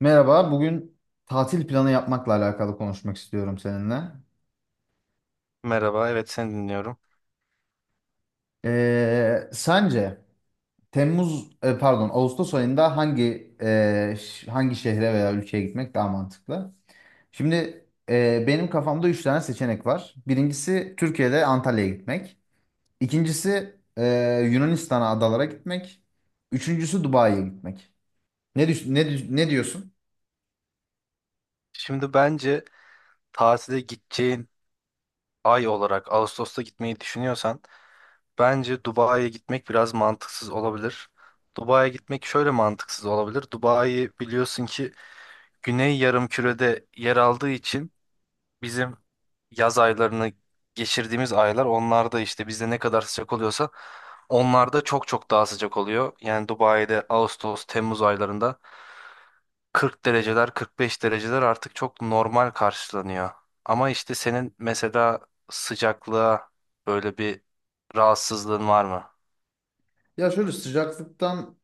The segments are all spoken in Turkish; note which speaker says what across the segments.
Speaker 1: Merhaba, bugün tatil planı yapmakla alakalı konuşmak istiyorum seninle.
Speaker 2: Merhaba, evet seni dinliyorum.
Speaker 1: Sence Temmuz, pardon, Ağustos ayında hangi şehre veya ülkeye gitmek daha mantıklı? Şimdi benim kafamda üç tane seçenek var. Birincisi Türkiye'de Antalya'ya gitmek. İkincisi Yunanistan'a adalara gitmek. Üçüncüsü Dubai'ye gitmek. Ne düş- ne dü- Ne diyorsun?
Speaker 2: Şimdi bence tatile gideceğin ay olarak Ağustos'ta gitmeyi düşünüyorsan bence Dubai'ye gitmek biraz mantıksız olabilir. Dubai'ye gitmek şöyle mantıksız olabilir. Dubai biliyorsun ki Güney Yarımküre'de yer aldığı için bizim yaz aylarını geçirdiğimiz aylar onlarda işte bizde ne kadar sıcak oluyorsa onlarda çok çok daha sıcak oluyor. Yani Dubai'de Ağustos, Temmuz aylarında 40 dereceler, 45 dereceler artık çok normal karşılanıyor. Ama işte senin mesela sıcaklığa böyle bir rahatsızlığın var mı?
Speaker 1: Ya şöyle, sıcaklıktan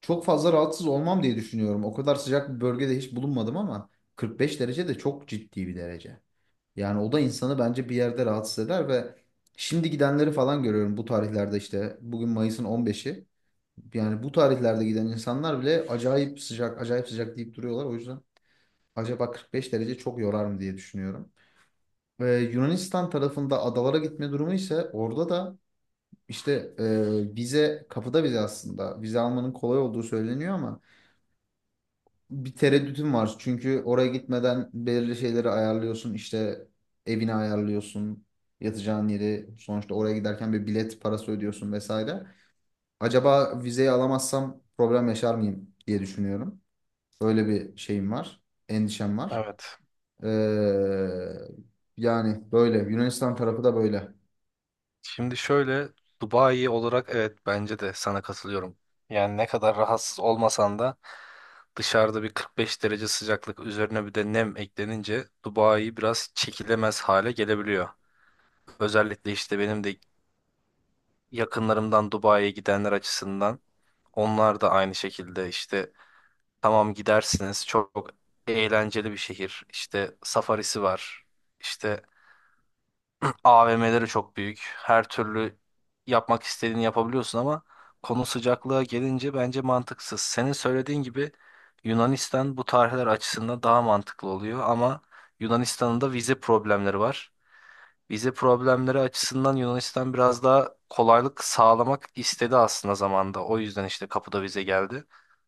Speaker 1: çok fazla rahatsız olmam diye düşünüyorum. O kadar sıcak bir bölgede hiç bulunmadım, ama 45 derece de çok ciddi bir derece. Yani o da insanı bence bir yerde rahatsız eder ve şimdi gidenleri falan görüyorum bu tarihlerde işte. Bugün Mayıs'ın 15'i. Yani bu tarihlerde giden insanlar bile acayip sıcak, acayip sıcak deyip duruyorlar. O yüzden acaba 45 derece çok yorar mı diye düşünüyorum. Ee, Yunanistan tarafında adalara gitme durumu ise orada da işte, vize kapıda vize aslında. Vize almanın kolay olduğu söyleniyor ama bir tereddütüm var. Çünkü oraya gitmeden belirli şeyleri ayarlıyorsun. İşte evini ayarlıyorsun. Yatacağın yeri, sonuçta oraya giderken bir bilet parası ödüyorsun vesaire. Acaba vizeyi alamazsam problem yaşar mıyım diye düşünüyorum. Öyle bir şeyim var. Endişem var.
Speaker 2: Evet.
Speaker 1: Ee, Yani böyle. Yunanistan tarafı da böyle.
Speaker 2: Şimdi şöyle Dubai olarak evet bence de sana katılıyorum. Yani ne kadar rahatsız olmasan da dışarıda bir 45 derece sıcaklık üzerine bir de nem eklenince Dubai biraz çekilemez hale gelebiliyor. Özellikle işte benim de yakınlarımdan Dubai'ye gidenler açısından onlar da aynı şekilde işte tamam gidersiniz. Çok eğlenceli bir şehir. İşte safarisi var. İşte AVM'leri çok büyük. Her türlü yapmak istediğini yapabiliyorsun ama konu sıcaklığa gelince bence mantıksız. Senin söylediğin gibi Yunanistan bu tarihler açısından daha mantıklı oluyor ama Yunanistan'ın da vize problemleri var. Vize problemleri açısından Yunanistan biraz daha kolaylık sağlamak istedi aslında zamanda. O yüzden işte kapıda vize geldi.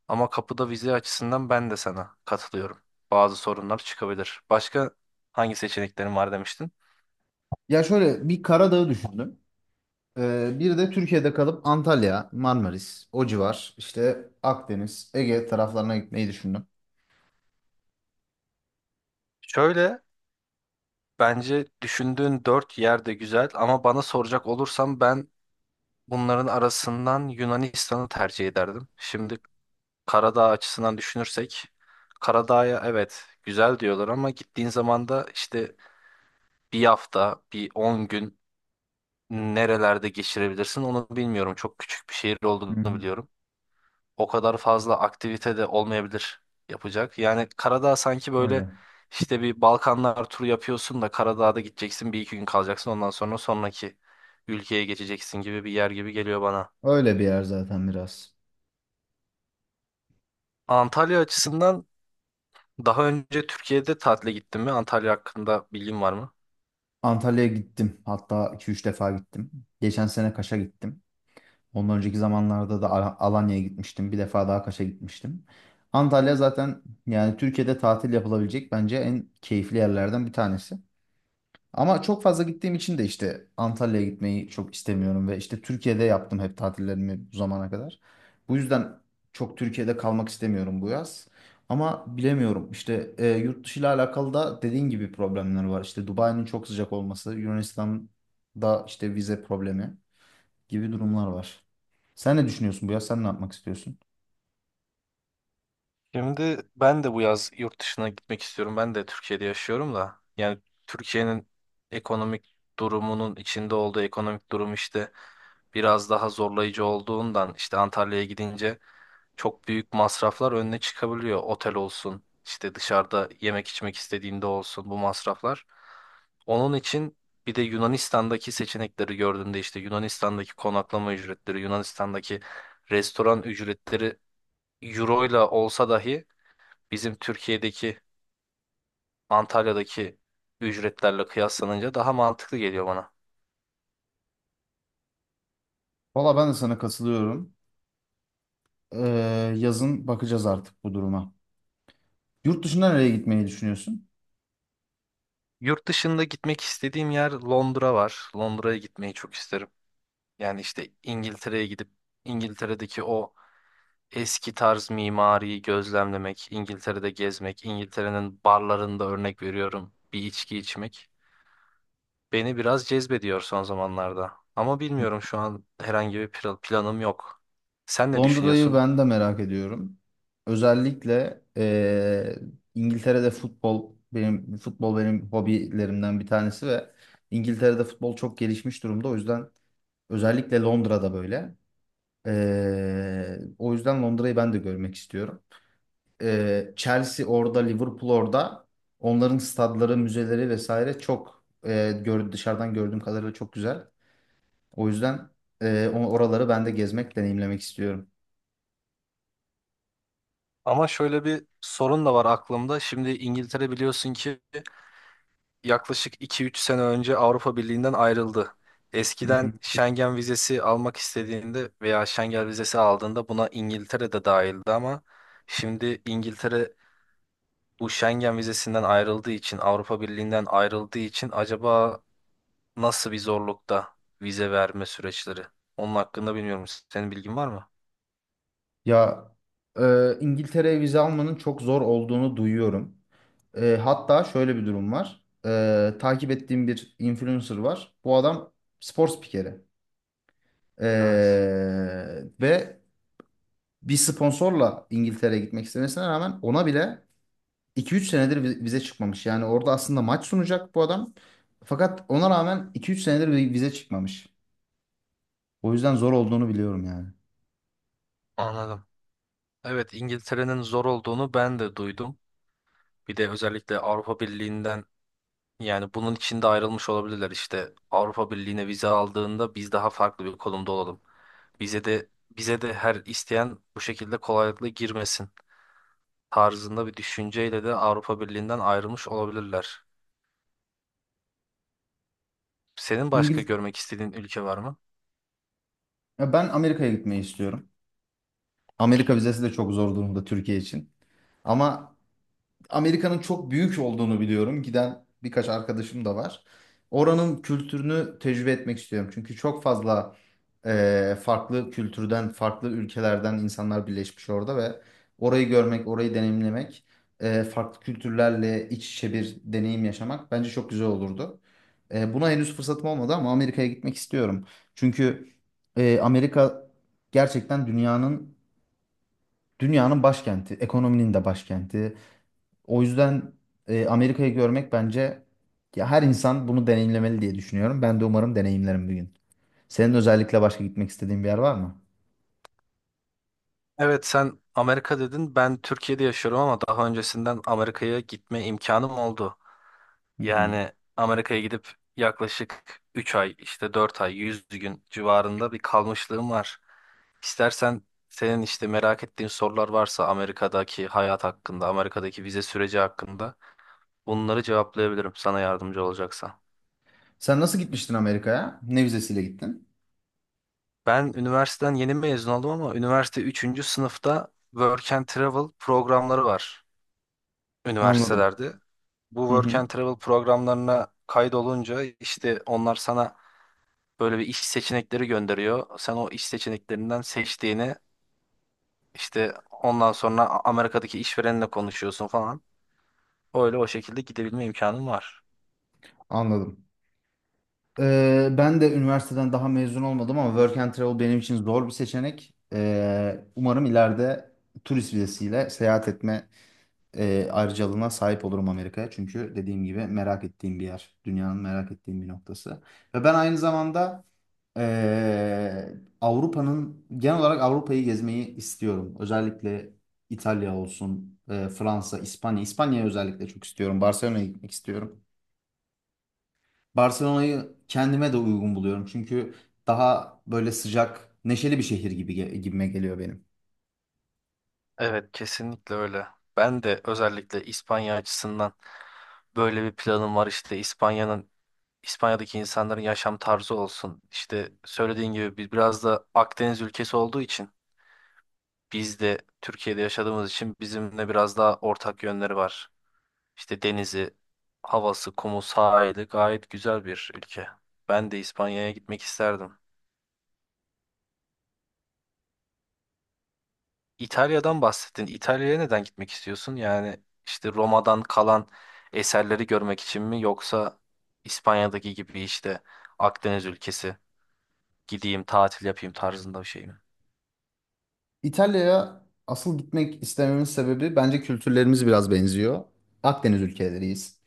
Speaker 2: Ama kapıda vize açısından ben de sana katılıyorum. Bazı sorunlar çıkabilir. Başka hangi seçeneklerin var demiştin?
Speaker 1: Ya şöyle, bir Karadağ'ı düşündüm. Bir de Türkiye'de kalıp Antalya, Marmaris, o civar, işte Akdeniz, Ege taraflarına gitmeyi düşündüm.
Speaker 2: Şöyle bence düşündüğün dört yer de güzel ama bana soracak olursam ben bunların arasından Yunanistan'ı tercih ederdim. Şimdi Karadağ açısından düşünürsek Karadağ'ya evet güzel diyorlar ama gittiğin zaman da işte bir hafta, bir 10 gün nerelerde geçirebilirsin onu bilmiyorum. Çok küçük bir şehir
Speaker 1: Hı
Speaker 2: olduğunu
Speaker 1: hı.
Speaker 2: biliyorum. O kadar fazla aktivite de olmayabilir yapacak. Yani Karadağ sanki böyle
Speaker 1: Öyle.
Speaker 2: işte bir Balkanlar turu yapıyorsun da Karadağ'da gideceksin bir iki gün kalacaksın ondan sonra sonraki ülkeye geçeceksin gibi bir yer gibi geliyor bana.
Speaker 1: Öyle bir yer zaten biraz.
Speaker 2: Antalya açısından daha önce Türkiye'de tatile gittin mi? Antalya hakkında bilgin var mı?
Speaker 1: Antalya'ya gittim. Hatta iki üç defa gittim. Geçen sene Kaş'a gittim. Ondan önceki zamanlarda da Alanya'ya gitmiştim. Bir defa daha Kaş'a gitmiştim. Antalya zaten, yani Türkiye'de tatil yapılabilecek bence en keyifli yerlerden bir tanesi. Ama çok fazla gittiğim için de işte Antalya'ya gitmeyi çok istemiyorum ve işte Türkiye'de yaptım hep tatillerimi bu zamana kadar. Bu yüzden çok Türkiye'de kalmak istemiyorum bu yaz. Ama bilemiyorum işte, yurt dışı ile alakalı da dediğin gibi problemler var. İşte Dubai'nin çok sıcak olması, Yunanistan'da işte vize problemi gibi durumlar var. Sen ne düşünüyorsun bu yaz? Sen ne yapmak istiyorsun?
Speaker 2: Şimdi ben de bu yaz yurt dışına gitmek istiyorum. Ben de Türkiye'de yaşıyorum da. Yani Türkiye'nin ekonomik durumunun içinde olduğu ekonomik durum işte biraz daha zorlayıcı olduğundan işte Antalya'ya gidince çok büyük masraflar önüne çıkabiliyor. Otel olsun, işte dışarıda yemek içmek istediğinde olsun bu masraflar. Onun için bir de Yunanistan'daki seçenekleri gördüğümde işte Yunanistan'daki konaklama ücretleri, Yunanistan'daki restoran ücretleri euro ile olsa dahi bizim Türkiye'deki Antalya'daki ücretlerle kıyaslanınca daha mantıklı geliyor bana.
Speaker 1: Valla ben de sana katılıyorum. Yazın bakacağız artık bu duruma. Yurt dışına nereye gitmeyi düşünüyorsun?
Speaker 2: Yurt dışında gitmek istediğim yer Londra var. Londra'ya gitmeyi çok isterim. Yani işte İngiltere'ye gidip İngiltere'deki o eski tarz mimariyi gözlemlemek, İngiltere'de gezmek, İngiltere'nin barlarında örnek veriyorum bir içki içmek beni biraz cezbediyor son zamanlarda. Ama bilmiyorum şu an herhangi bir planım yok. Sen ne
Speaker 1: Londra'yı
Speaker 2: düşünüyorsun?
Speaker 1: ben de merak ediyorum. Özellikle İngiltere'de futbol benim hobilerimden bir tanesi ve İngiltere'de futbol çok gelişmiş durumda. O yüzden özellikle Londra'da böyle. O yüzden Londra'yı ben de görmek istiyorum. Chelsea orada, Liverpool orada. Onların stadları, müzeleri vesaire çok dışarıdan gördüğüm kadarıyla çok güzel. O yüzden oraları ben de gezmek, deneyimlemek istiyorum.
Speaker 2: Ama şöyle bir sorun da var aklımda. Şimdi İngiltere biliyorsun ki yaklaşık iki üç sene önce Avrupa Birliği'nden ayrıldı. Eskiden Schengen vizesi almak istediğinde veya Schengen vizesi aldığında buna İngiltere de dahildi ama şimdi İngiltere bu Schengen vizesinden ayrıldığı için, Avrupa Birliği'nden ayrıldığı için acaba nasıl bir zorlukta vize verme süreçleri? Onun hakkında bilmiyorum. Senin bilgin var mı?
Speaker 1: Ya, İngiltere'ye vize almanın çok zor olduğunu duyuyorum. Hatta şöyle bir durum var. Takip ettiğim bir influencer var. Bu adam spor spikeri.
Speaker 2: Evet.
Speaker 1: E, ve bir sponsorla İngiltere'ye gitmek istemesine rağmen ona bile iki üç senedir vize çıkmamış. Yani orada aslında maç sunacak bu adam. Fakat ona rağmen iki üç senedir vize çıkmamış. O yüzden zor olduğunu biliyorum yani.
Speaker 2: Anladım. Evet, İngiltere'nin zor olduğunu ben de duydum. Bir de özellikle Avrupa Birliği'nden yani bunun içinde ayrılmış olabilirler işte. Avrupa Birliği'ne vize aldığında biz daha farklı bir konumda olalım. Bize de her isteyen bu şekilde kolaylıkla girmesin tarzında bir düşünceyle de Avrupa Birliği'nden ayrılmış olabilirler. Senin başka
Speaker 1: İngil
Speaker 2: görmek istediğin ülke var mı?
Speaker 1: Ya, ben Amerika'ya gitmeyi istiyorum. Amerika vizesi de çok zor durumda Türkiye için. Ama Amerika'nın çok büyük olduğunu biliyorum. Giden birkaç arkadaşım da var. Oranın kültürünü tecrübe etmek istiyorum. Çünkü çok fazla farklı kültürden, farklı ülkelerden insanlar birleşmiş orada ve orayı görmek, orayı deneyimlemek, farklı kültürlerle iç içe bir deneyim yaşamak bence çok güzel olurdu. Buna henüz fırsatım olmadı ama Amerika'ya gitmek istiyorum. Çünkü Amerika gerçekten dünyanın başkenti, ekonominin de başkenti. O yüzden Amerika'yı görmek bence, ya, her insan bunu deneyimlemeli diye düşünüyorum. Ben de umarım deneyimlerim bir gün. Senin özellikle başka gitmek istediğin bir yer var mı?
Speaker 2: Evet sen Amerika dedin. Ben Türkiye'de yaşıyorum ama daha öncesinden Amerika'ya gitme imkanım oldu.
Speaker 1: Hı hı.
Speaker 2: Yani Amerika'ya gidip yaklaşık 3 ay işte 4 ay 100 gün civarında bir kalmışlığım var. İstersen senin işte merak ettiğin sorular varsa Amerika'daki hayat hakkında, Amerika'daki vize süreci hakkında bunları cevaplayabilirim sana yardımcı olacaksa.
Speaker 1: Sen nasıl gitmiştin Amerika'ya? Ne vizesiyle gittin?
Speaker 2: Ben üniversiteden yeni mezun oldum ama üniversite üçüncü sınıfta Work and Travel programları var
Speaker 1: Anladım.
Speaker 2: üniversitelerde. Bu
Speaker 1: Hı
Speaker 2: Work
Speaker 1: hı,
Speaker 2: and Travel programlarına kaydolunca işte onlar sana böyle bir iş seçenekleri gönderiyor. Sen o iş seçeneklerinden seçtiğini işte ondan sonra Amerika'daki işverenle konuşuyorsun falan. Öyle o şekilde gidebilme imkanın var.
Speaker 1: anladım. Ben de üniversiteden daha mezun olmadım ama work and travel benim için zor bir seçenek. Umarım ileride turist vizesiyle seyahat etme ayrıcalığına sahip olurum Amerika'ya. Çünkü dediğim gibi merak ettiğim bir yer. Dünyanın merak ettiğim bir noktası. Ve ben aynı zamanda e, Avrupa'nın, genel olarak Avrupa'yı gezmeyi istiyorum. Özellikle İtalya olsun, Fransa, İspanya. İspanya'yı özellikle çok istiyorum. Barcelona'ya gitmek istiyorum. Barcelona'yı kendime de uygun buluyorum. Çünkü daha böyle sıcak, neşeli bir şehir gibime geliyor benim.
Speaker 2: Evet kesinlikle öyle. Ben de özellikle İspanya açısından böyle bir planım var işte İspanya'nın İspanya'daki insanların yaşam tarzı olsun. İşte söylediğin gibi biraz da Akdeniz ülkesi olduğu için biz de Türkiye'de yaşadığımız için bizimle biraz daha ortak yönleri var. İşte denizi, havası, kumu, sahili gayet güzel bir ülke. Ben de İspanya'ya gitmek isterdim. İtalya'dan bahsettin. İtalya'ya neden gitmek istiyorsun? Yani işte Roma'dan kalan eserleri görmek için mi yoksa İspanya'daki gibi işte Akdeniz ülkesi gideyim tatil yapayım tarzında bir şey mi?
Speaker 1: İtalya'ya asıl gitmek istememin sebebi, bence kültürlerimiz biraz benziyor. Akdeniz ülkeleriyiz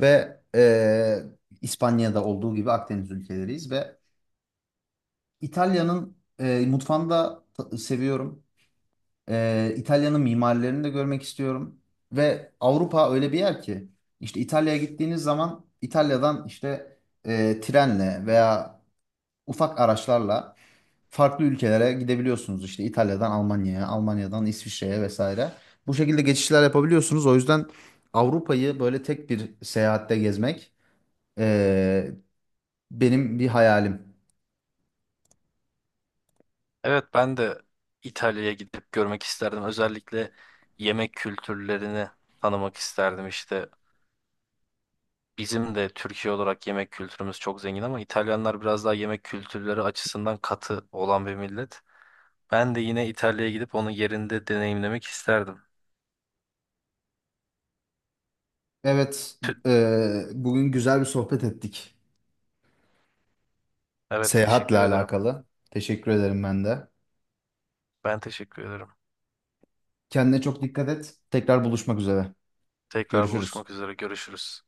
Speaker 1: ve İspanya'da olduğu gibi Akdeniz ülkeleriyiz ve İtalya'nın mutfağını da seviyorum. İtalya'nın mimarilerini de görmek istiyorum ve Avrupa öyle bir yer ki, işte İtalya'ya gittiğiniz zaman İtalya'dan işte trenle veya ufak araçlarla farklı ülkelere gidebiliyorsunuz. İşte İtalya'dan Almanya'ya, Almanya'dan İsviçre'ye vesaire. Bu şekilde geçişler yapabiliyorsunuz. O yüzden Avrupa'yı böyle tek bir seyahatte gezmek eee, benim bir hayalim.
Speaker 2: Evet ben de İtalya'ya gidip görmek isterdim. Özellikle yemek kültürlerini tanımak isterdim işte. Bizim de Türkiye olarak yemek kültürümüz çok zengin ama İtalyanlar biraz daha yemek kültürleri açısından katı olan bir millet. Ben de yine İtalya'ya gidip onu yerinde deneyimlemek isterdim.
Speaker 1: Evet,
Speaker 2: Tü-
Speaker 1: bugün güzel bir sohbet ettik
Speaker 2: Evet
Speaker 1: seyahatle
Speaker 2: teşekkür ederim.
Speaker 1: alakalı. Teşekkür ederim ben de.
Speaker 2: Ben teşekkür ederim.
Speaker 1: Kendine çok dikkat et. Tekrar buluşmak üzere.
Speaker 2: Tekrar
Speaker 1: Görüşürüz.
Speaker 2: buluşmak üzere. Görüşürüz.